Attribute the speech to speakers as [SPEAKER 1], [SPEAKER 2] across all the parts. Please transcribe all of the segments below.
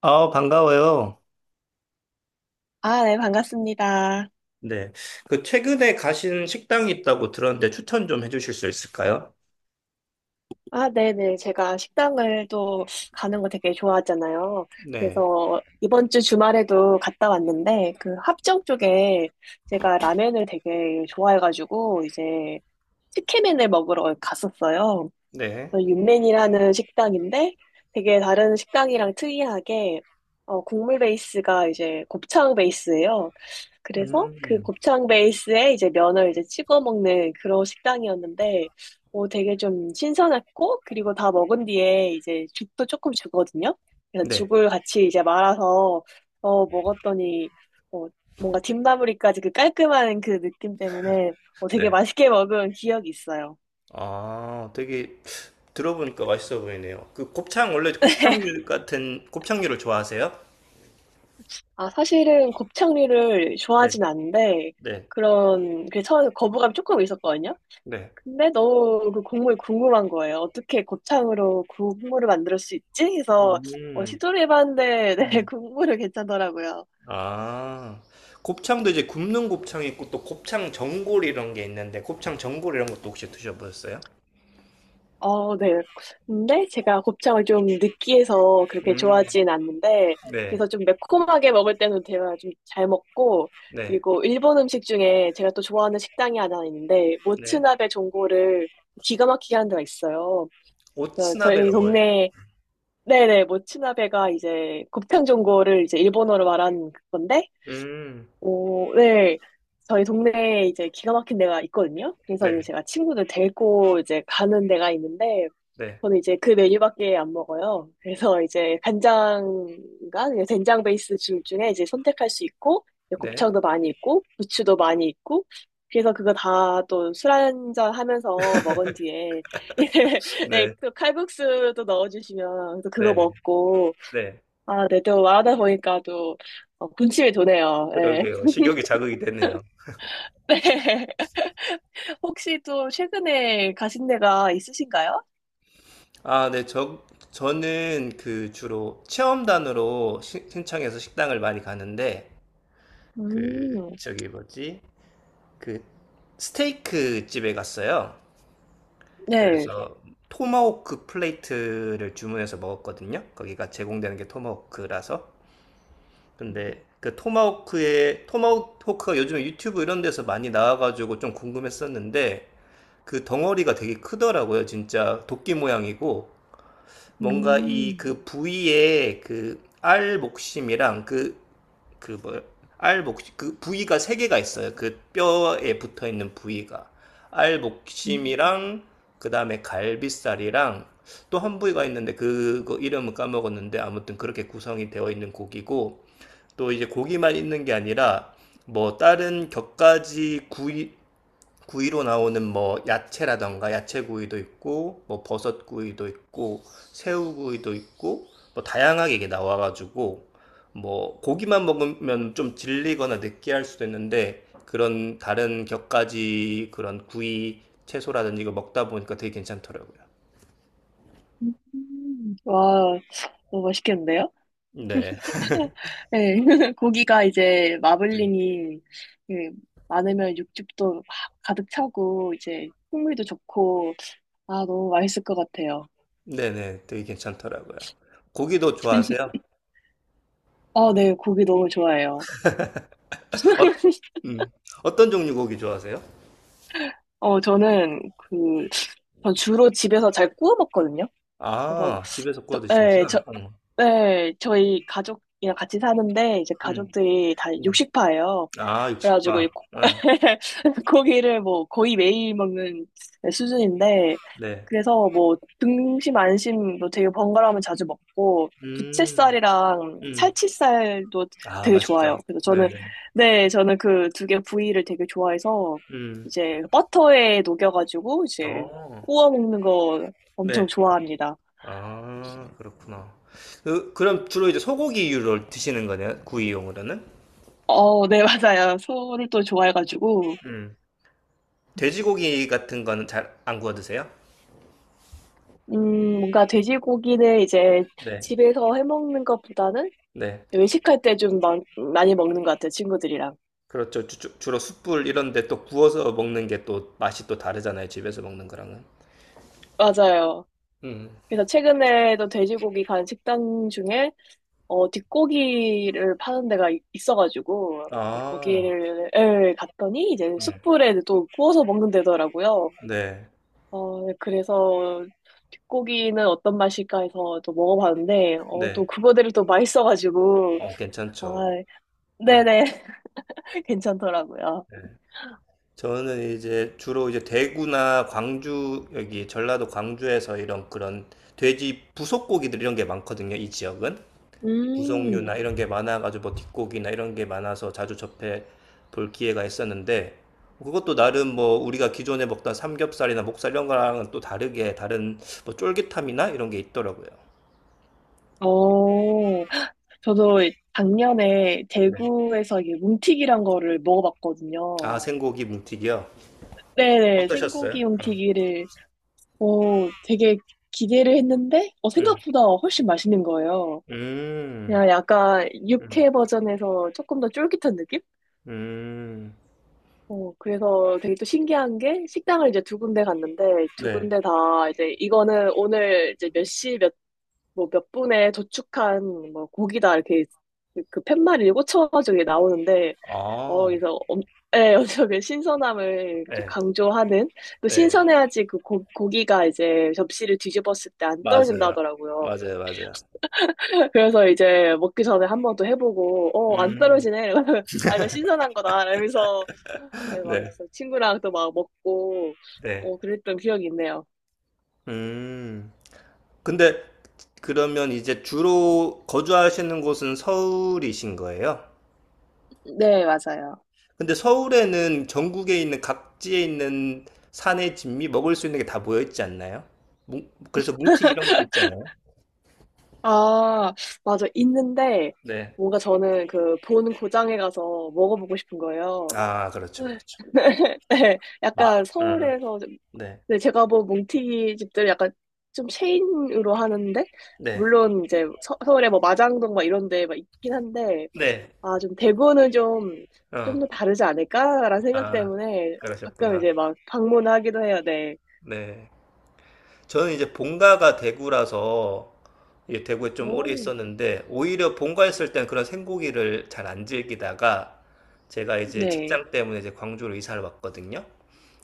[SPEAKER 1] 아, 반가워요.
[SPEAKER 2] 아, 네, 반갑습니다.
[SPEAKER 1] 네. 그 최근에 가신 식당이 있다고 들었는데 추천 좀 해주실 수 있을까요?
[SPEAKER 2] 아, 네네. 제가 식당을 또 가는 거 되게 좋아하잖아요.
[SPEAKER 1] 네.
[SPEAKER 2] 그래서 이번 주 주말에도 갔다 왔는데, 그 합정 쪽에 제가 라면을 되게 좋아해가지고, 이제 치킨맨을 먹으러 갔었어요.
[SPEAKER 1] 네.
[SPEAKER 2] 윤맨이라는 식당인데 되게 다른 식당이랑 특이하게 국물 베이스가 이제 곱창 베이스예요. 그래서 그
[SPEAKER 1] 음.
[SPEAKER 2] 곱창 베이스에 이제 면을 이제 찍어 먹는 그런 식당이었는데 되게 좀 신선했고, 그리고 다 먹은 뒤에 이제 죽도 조금 주거든요. 그래서
[SPEAKER 1] 네.
[SPEAKER 2] 죽을 같이 이제 말아서 먹었더니 어, 뭔가 뒷마무리까지 그 깔끔한 그 느낌 때문에 되게
[SPEAKER 1] 네.
[SPEAKER 2] 맛있게 먹은 기억이 있어요.
[SPEAKER 1] 아, 되게 들어보니까 맛있어 보이네요. 그 곱창, 원래 곱창류 같은 곱창류를 좋아하세요?
[SPEAKER 2] 아, 사실은 곱창류를
[SPEAKER 1] 네.
[SPEAKER 2] 좋아하진 않는데,
[SPEAKER 1] 네.
[SPEAKER 2] 그 처음에 거부감이 조금 있었거든요?
[SPEAKER 1] 네.
[SPEAKER 2] 근데 너무 그 국물이 궁금한 거예요. 어떻게 곱창으로 그 국물을 만들 수 있지? 해서,
[SPEAKER 1] 음.
[SPEAKER 2] 시도를 해봤는데, 네,
[SPEAKER 1] 음.
[SPEAKER 2] 국물은 괜찮더라고요.
[SPEAKER 1] 아, 곱창도 이제 굽는 곱창이 있고 또 곱창 전골 이런 게 있는데 곱창 전골 이런 것도 혹시 드셔보셨어요?
[SPEAKER 2] 어, 네. 근데 제가 곱창을 좀 느끼해서 그렇게
[SPEAKER 1] 음.
[SPEAKER 2] 좋아하진 않는데,
[SPEAKER 1] 네.
[SPEAKER 2] 그래서 좀 매콤하게 먹을 때는 제가 좀 잘 먹고,
[SPEAKER 1] 네.
[SPEAKER 2] 그리고 일본 음식 중에 제가 또 좋아하는 식당이 하나 있는데,
[SPEAKER 1] 네.
[SPEAKER 2] 모츠나베 전골을 기가 막히게 하는 데가 있어요. 그래서 저희
[SPEAKER 1] 오츠나베가 뭐예요?
[SPEAKER 2] 동네, 네네, 모츠나베가 이제 곱창 전골을 이제 일본어로 말한 건데,
[SPEAKER 1] 음,
[SPEAKER 2] 오, 네. 저희 동네에 이제 기가 막힌 데가 있거든요.
[SPEAKER 1] 네,
[SPEAKER 2] 그래서 이제 제가 친구들 데리고 이제 가는 데가 있는데,
[SPEAKER 1] 네,
[SPEAKER 2] 저는 이제 그 메뉴밖에 안 먹어요. 그래서 이제 간장과 이제 된장 베이스 줄 중에 이제 선택할 수 있고, 이제
[SPEAKER 1] 네,
[SPEAKER 2] 곱창도 많이 있고, 부추도 많이 있고, 그래서 그거 다 또 술 한잔 하면서 먹은 뒤에, 이제, 네,
[SPEAKER 1] 네,
[SPEAKER 2] 또 칼국수도 넣어주시면 또 그거
[SPEAKER 1] 네,
[SPEAKER 2] 먹고,
[SPEAKER 1] 네.
[SPEAKER 2] 아, 네, 또 말하다 보니까 또 군침이 도네요. 네.
[SPEAKER 1] 그러게요. 식욕이 자극이 되네요.
[SPEAKER 2] 네. 혹시 또 최근에 가신 데가 있으신가요?
[SPEAKER 1] 아, 네, 저는 그 주로 체험단으로 신청해서 식당을 많이 가는데, 그,
[SPEAKER 2] 음,
[SPEAKER 1] 저기 뭐지? 그, 스테이크 집에 갔어요.
[SPEAKER 2] 네.
[SPEAKER 1] 그래서 토마호크 플레이트를 주문해서 먹었거든요. 거기가 제공되는 게 토마호크라서. 근데 그 토마호크의 토마호크가 요즘에 유튜브 이런 데서 많이 나와가지고 좀 궁금했었는데 그 덩어리가 되게 크더라고요. 진짜 도끼 모양이고 뭔가 이
[SPEAKER 2] 음,
[SPEAKER 1] 그 부위에 그 알 목심이랑 그 그뭐알 목심 그 부위가 세 개가 있어요. 그 뼈에 붙어 있는 부위가 알
[SPEAKER 2] 음.
[SPEAKER 1] 목심이랑 그 다음에 갈비살이랑 또 한 부위가 있는데 그거 이름은 까먹었는데 아무튼 그렇게 구성이 되어 있는 고기고 또 이제 고기만 있는 게 아니라 뭐 다른 곁가지 구이로 나오는 뭐 야채라던가 야채 구이도 있고 뭐 버섯 구이도 있고 새우 구이도 있고 뭐 다양하게 이게 나와가지고 뭐 고기만 먹으면 좀 질리거나 느끼할 수도 있는데 그런 다른 곁가지 그런 구이 채소라든지 이거 먹다 보니까 되게 괜찮더라고요.
[SPEAKER 2] 와, 너무 맛있겠는데요?
[SPEAKER 1] 네.
[SPEAKER 2] 네. 고기가 이제
[SPEAKER 1] 네.
[SPEAKER 2] 마블링이 예, 많으면 육즙도 막 가득 차고, 이제 풍미도 좋고, 아, 너무 맛있을 것 같아요.
[SPEAKER 1] 네네. 되게 괜찮더라고요. 고기도 좋아하세요?
[SPEAKER 2] 아, 네. 고기 너무 좋아해요.
[SPEAKER 1] 음. 어떤 종류 고기 좋아하세요?
[SPEAKER 2] 어, 저는 그, 전 주로 집에서 잘 구워 먹거든요. 그래서,
[SPEAKER 1] 아, 집에서 구워
[SPEAKER 2] 네,
[SPEAKER 1] 드시는구나. 어.
[SPEAKER 2] 네, 저희 가족이랑 같이 사는데 이제
[SPEAKER 1] 음,
[SPEAKER 2] 가족들이 다
[SPEAKER 1] 음.
[SPEAKER 2] 육식파예요.
[SPEAKER 1] 아,
[SPEAKER 2] 그래가지고
[SPEAKER 1] 육식파. 아,
[SPEAKER 2] 고기를 뭐 거의 매일 먹는 수준인데
[SPEAKER 1] 네.
[SPEAKER 2] 그래서 뭐 등심 안심 뭐 되게 번갈아가면 자주 먹고
[SPEAKER 1] 음,
[SPEAKER 2] 부채살이랑
[SPEAKER 1] 음.
[SPEAKER 2] 살치살도
[SPEAKER 1] 아,
[SPEAKER 2] 되게
[SPEAKER 1] 맛있죠.
[SPEAKER 2] 좋아요. 그래서 저는
[SPEAKER 1] 네네.
[SPEAKER 2] 네, 저는 그 두 개 부위를 되게 좋아해서
[SPEAKER 1] 음.
[SPEAKER 2] 이제 버터에 녹여가지고 이제
[SPEAKER 1] 어,
[SPEAKER 2] 구워 먹는 거
[SPEAKER 1] 네.
[SPEAKER 2] 엄청 좋아합니다.
[SPEAKER 1] 아, 그렇구나. 그럼 주로 이제 소고기류를 드시는 거네요? 구이용으로는?
[SPEAKER 2] 어, 네, 맞아요. 소를 또 좋아해가지고,
[SPEAKER 1] 음. 돼지고기 같은 거는 잘 안 구워 드세요?
[SPEAKER 2] 뭔가 돼지고기는 이제
[SPEAKER 1] 네.
[SPEAKER 2] 집에서 해먹는 것보다는
[SPEAKER 1] 네.
[SPEAKER 2] 외식할 때 좀 많이 먹는 것 같아요, 친구들이랑.
[SPEAKER 1] 그렇죠. 주로 숯불 이런 데 또 구워서 먹는 게 또 맛이 또 다르잖아요. 집에서 먹는 거랑은.
[SPEAKER 2] 맞아요.
[SPEAKER 1] 음.
[SPEAKER 2] 그래서 최근에도 돼지고기 간 식당 중에, 뒷고기를 파는 데가 있어가지고, 네,
[SPEAKER 1] 아.
[SPEAKER 2] 거기를 갔더니 이제
[SPEAKER 1] 네.
[SPEAKER 2] 숯불에 또 구워서 먹는 데더라고요.
[SPEAKER 1] 네.
[SPEAKER 2] 어, 네, 그래서 뒷고기는 어떤 맛일까 해서 또 먹어봤는데,
[SPEAKER 1] 네.
[SPEAKER 2] 또 그거대로 또 맛있어가지고,
[SPEAKER 1] 어
[SPEAKER 2] 아,
[SPEAKER 1] 괜찮죠. 네.
[SPEAKER 2] 네네, 괜찮더라고요.
[SPEAKER 1] 저는 네. 이제 주로 이제 대구나 광주 여기 전라도 광주에서 이런 그런 돼지 부속고기들 이런 게 많거든요, 이 지역은.
[SPEAKER 2] 음,
[SPEAKER 1] 부속류나 이런 게 많아 가지고 뭐 뒷고기나 이런 게 많아서 자주 접해 볼 기회가 있었는데 그것도 나름 뭐 우리가 기존에 먹던 삼겹살이나 목살 이런 거랑은 또 다르게 다른 뭐 쫄깃함이나 이런 게 있더라고요.
[SPEAKER 2] 어, 저도 작년에
[SPEAKER 1] 네.
[SPEAKER 2] 대구에서 이게 뭉티기란 거를 먹어봤거든요.
[SPEAKER 1] 아, 생고기 뭉티기요?
[SPEAKER 2] 네네,
[SPEAKER 1] 어떠셨어요?
[SPEAKER 2] 생고기 뭉티기를, 되게 기대를 했는데,
[SPEAKER 1] 음.
[SPEAKER 2] 생각보다 훨씬 맛있는 거예요.
[SPEAKER 1] 음,
[SPEAKER 2] 그냥 약간
[SPEAKER 1] 음,
[SPEAKER 2] 육회 버전에서 조금 더 쫄깃한 느낌?
[SPEAKER 1] 음.
[SPEAKER 2] 그래서 되게 또 신기한 게 식당을 이제 두 군데 갔는데 두
[SPEAKER 1] 네.
[SPEAKER 2] 군데 다 이제 이거는 오늘 이제 뭐 몇 분에 도축한 뭐 고기다 이렇게 그 팻말이 꽂혀가지고 이게 나오는데
[SPEAKER 1] 아,
[SPEAKER 2] 그래서 예, 엄청 그 신선함을 좀
[SPEAKER 1] 네,
[SPEAKER 2] 강조하는 또
[SPEAKER 1] 네,
[SPEAKER 2] 신선해야지 고기가 이제 접시를 뒤집었을 때 안 떨어진다
[SPEAKER 1] 맞아요.
[SPEAKER 2] 하더라고요.
[SPEAKER 1] 맞아요, 맞아요.
[SPEAKER 2] 그래서 이제 먹기 전에 한 번 또 해보고 안
[SPEAKER 1] 음,
[SPEAKER 2] 떨어지네. 아, 이거 신선한 거다. 이러면서 네, 막
[SPEAKER 1] 네.
[SPEAKER 2] 그래서 친구랑 또 막 먹고
[SPEAKER 1] 네.
[SPEAKER 2] 그랬던 기억이 있네요.
[SPEAKER 1] 음. 근데 그러면 이제 주로 거주하시는 곳은 서울이신 거예요?
[SPEAKER 2] 네, 맞아요.
[SPEAKER 1] 근데 서울에는 전국에 있는 각지에 있는 산의 진미 먹을 수 있는 게 다 모여 있지 않나요? 그래서 뭉티 이런 것도 있잖아요.
[SPEAKER 2] 아, 맞아. 있는데
[SPEAKER 1] 네.
[SPEAKER 2] 뭔가 저는 그 본 고장에 가서 먹어보고 싶은 거예요.
[SPEAKER 1] 아, 그렇죠, 그렇죠.
[SPEAKER 2] 네,
[SPEAKER 1] 마,
[SPEAKER 2] 약간 서울에서 좀-
[SPEAKER 1] 네,
[SPEAKER 2] 네, 제가 본 몽튀기 집들 약간 좀 체인으로 하는데
[SPEAKER 1] 네,
[SPEAKER 2] 물론 이제 울에뭐 마장동 막 이런 데막 있긴 한데
[SPEAKER 1] 네,
[SPEAKER 2] 아, 좀 대구는 좀
[SPEAKER 1] 어.
[SPEAKER 2] 더 다르지 않을까라는 생각
[SPEAKER 1] 아,
[SPEAKER 2] 때문에 가끔
[SPEAKER 1] 그러셨구나.
[SPEAKER 2] 이제 막 방문하기도 해요. 네.
[SPEAKER 1] 네. 저는 이제 본가가 대구라서 예, 대구에 좀 오래
[SPEAKER 2] 오,
[SPEAKER 1] 있었는데 오히려 본가에 있을 땐 그런 생고기를 잘 안 즐기다가 제가 이제
[SPEAKER 2] 네.
[SPEAKER 1] 직장 때문에 이제 광주로 이사를 왔거든요.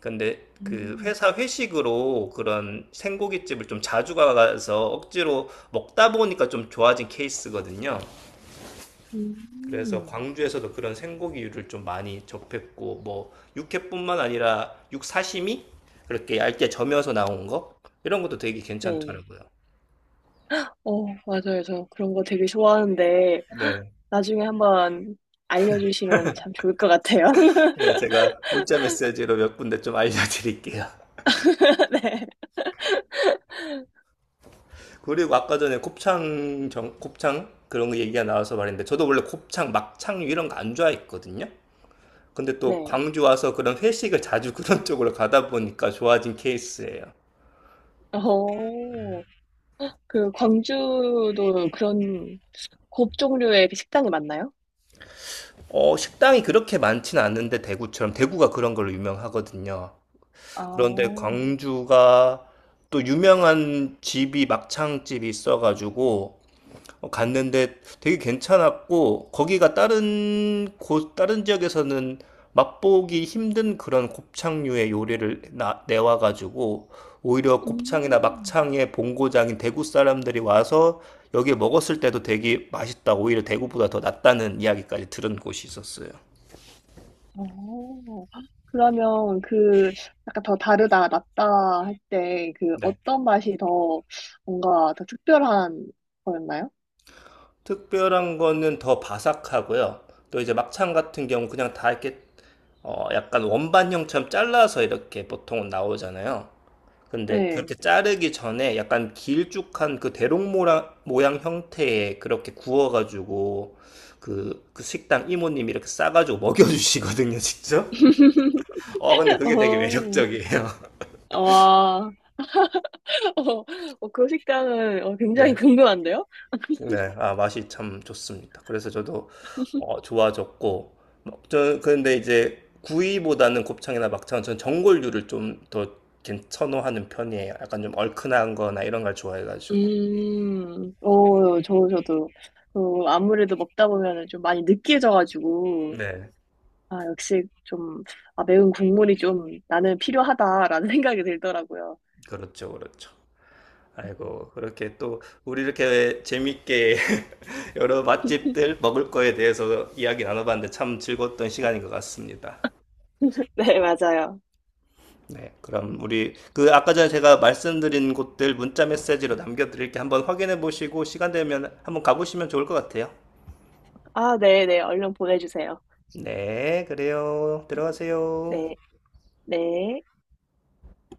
[SPEAKER 1] 근데 그
[SPEAKER 2] 음,
[SPEAKER 1] 회사 회식으로 그런 생고깃집을 좀 자주 가서 억지로 먹다 보니까 좀 좋아진 케이스거든요. 그래서
[SPEAKER 2] 음.
[SPEAKER 1] 광주에서도 그런 생고기류를 좀 많이 접했고 뭐 육회뿐만 아니라 육사시미 그렇게 얇게 점여서 나온 거 이런 것도 되게
[SPEAKER 2] 네.
[SPEAKER 1] 괜찮더라고요.
[SPEAKER 2] 맞아요. 저 그런 거 되게 좋아하는데,
[SPEAKER 1] 네.
[SPEAKER 2] 나중에 한번 알려주시면 참 좋을 것 같아요.
[SPEAKER 1] 네, 제가 문자 메시지로 몇 군데 좀 알려드릴게요.
[SPEAKER 2] 네.
[SPEAKER 1] 그리고 아까 전에 곱창 곱창 그런 거 얘기가 나와서 말인데 저도 원래 곱창, 막창류 이런 거 안 좋아했거든요. 근데 또
[SPEAKER 2] 네.
[SPEAKER 1] 광주 와서 그런 회식을 자주 그런 쪽으로 가다 보니까 좋아진 케이스예요.
[SPEAKER 2] 어, 그, 광주도 그런 곱 종류의 식당이 많나요?
[SPEAKER 1] 어, 식당이 그렇게 많지는 않는데 대구처럼 대구가 그런 걸로 유명하거든요.
[SPEAKER 2] 아,
[SPEAKER 1] 그런데
[SPEAKER 2] 어,
[SPEAKER 1] 광주가 또 유명한 집이 막창집이 있어가지고 어, 갔는데 되게 괜찮았고 거기가 다른 곳 다른 지역에서는 맛보기 힘든 그런 곱창류의 요리를 내와가지고 오히려 곱창이나
[SPEAKER 2] 음,
[SPEAKER 1] 막창의 본고장인 대구 사람들이 와서 여기에 먹었을 때도 되게 맛있다 오히려 대구보다 더 낫다는 이야기까지 들은 곳이 있었어요.
[SPEAKER 2] 어. 그러면 그, 약간 더 다르다, 낫다 할 때, 그,
[SPEAKER 1] 네.
[SPEAKER 2] 어떤 맛이 더 뭔가 더 특별한 거였나요?
[SPEAKER 1] 특별한 거는 더 바삭하고요. 또 이제 막창 같은 경우 그냥 다 이렇게 어, 약간 원반형처럼 잘라서 이렇게 보통은 나오잖아요. 근데
[SPEAKER 2] 네.
[SPEAKER 1] 그렇게 자르기 전에 약간 길쭉한 그 대롱 모양, 형태의 그렇게 구워가지고 그 식당 이모님이 이렇게 싸가지고 먹여주시거든요, 직접. 어, 근데 그게 되게
[SPEAKER 2] 어,
[SPEAKER 1] 매력적이에요.
[SPEAKER 2] 와, 어, 그 식당은 굉장히
[SPEAKER 1] 네.
[SPEAKER 2] 궁금한데요?
[SPEAKER 1] 네, 아, 맛이 참 좋습니다. 그래서 저도 어, 좋아졌고, 막 저, 근데 이제 구이보다는 곱창이나 막창은 전 전골류를 좀 더 선호하는 편이에요. 약간 좀 얼큰한 거나 이런 걸 좋아해가지고.
[SPEAKER 2] 저도, 아무래도 먹다 보면은 좀 많이 느끼해져가지고,
[SPEAKER 1] 네,
[SPEAKER 2] 아, 역시 좀, 아, 매운 국물이 좀 나는 필요하다라는 생각이 들더라고요.
[SPEAKER 1] 그렇죠, 그렇죠. 아이고, 그렇게 또 우리 이렇게 재밌게 여러 맛집들 먹을 거에 대해서 이야기 나눠봤는데 참 즐거웠던 시간인 것 같습니다.
[SPEAKER 2] 네, 맞아요.
[SPEAKER 1] 네, 그럼 우리 그 아까 전에 제가 말씀드린 곳들 문자 메시지로 남겨드릴게 한번 확인해 보시고 시간 되면 한번 가보시면 좋을 것 같아요.
[SPEAKER 2] 아, 네, 네, 얼른 보내주세요.
[SPEAKER 1] 네, 그래요. 들어가세요.
[SPEAKER 2] 네, 네.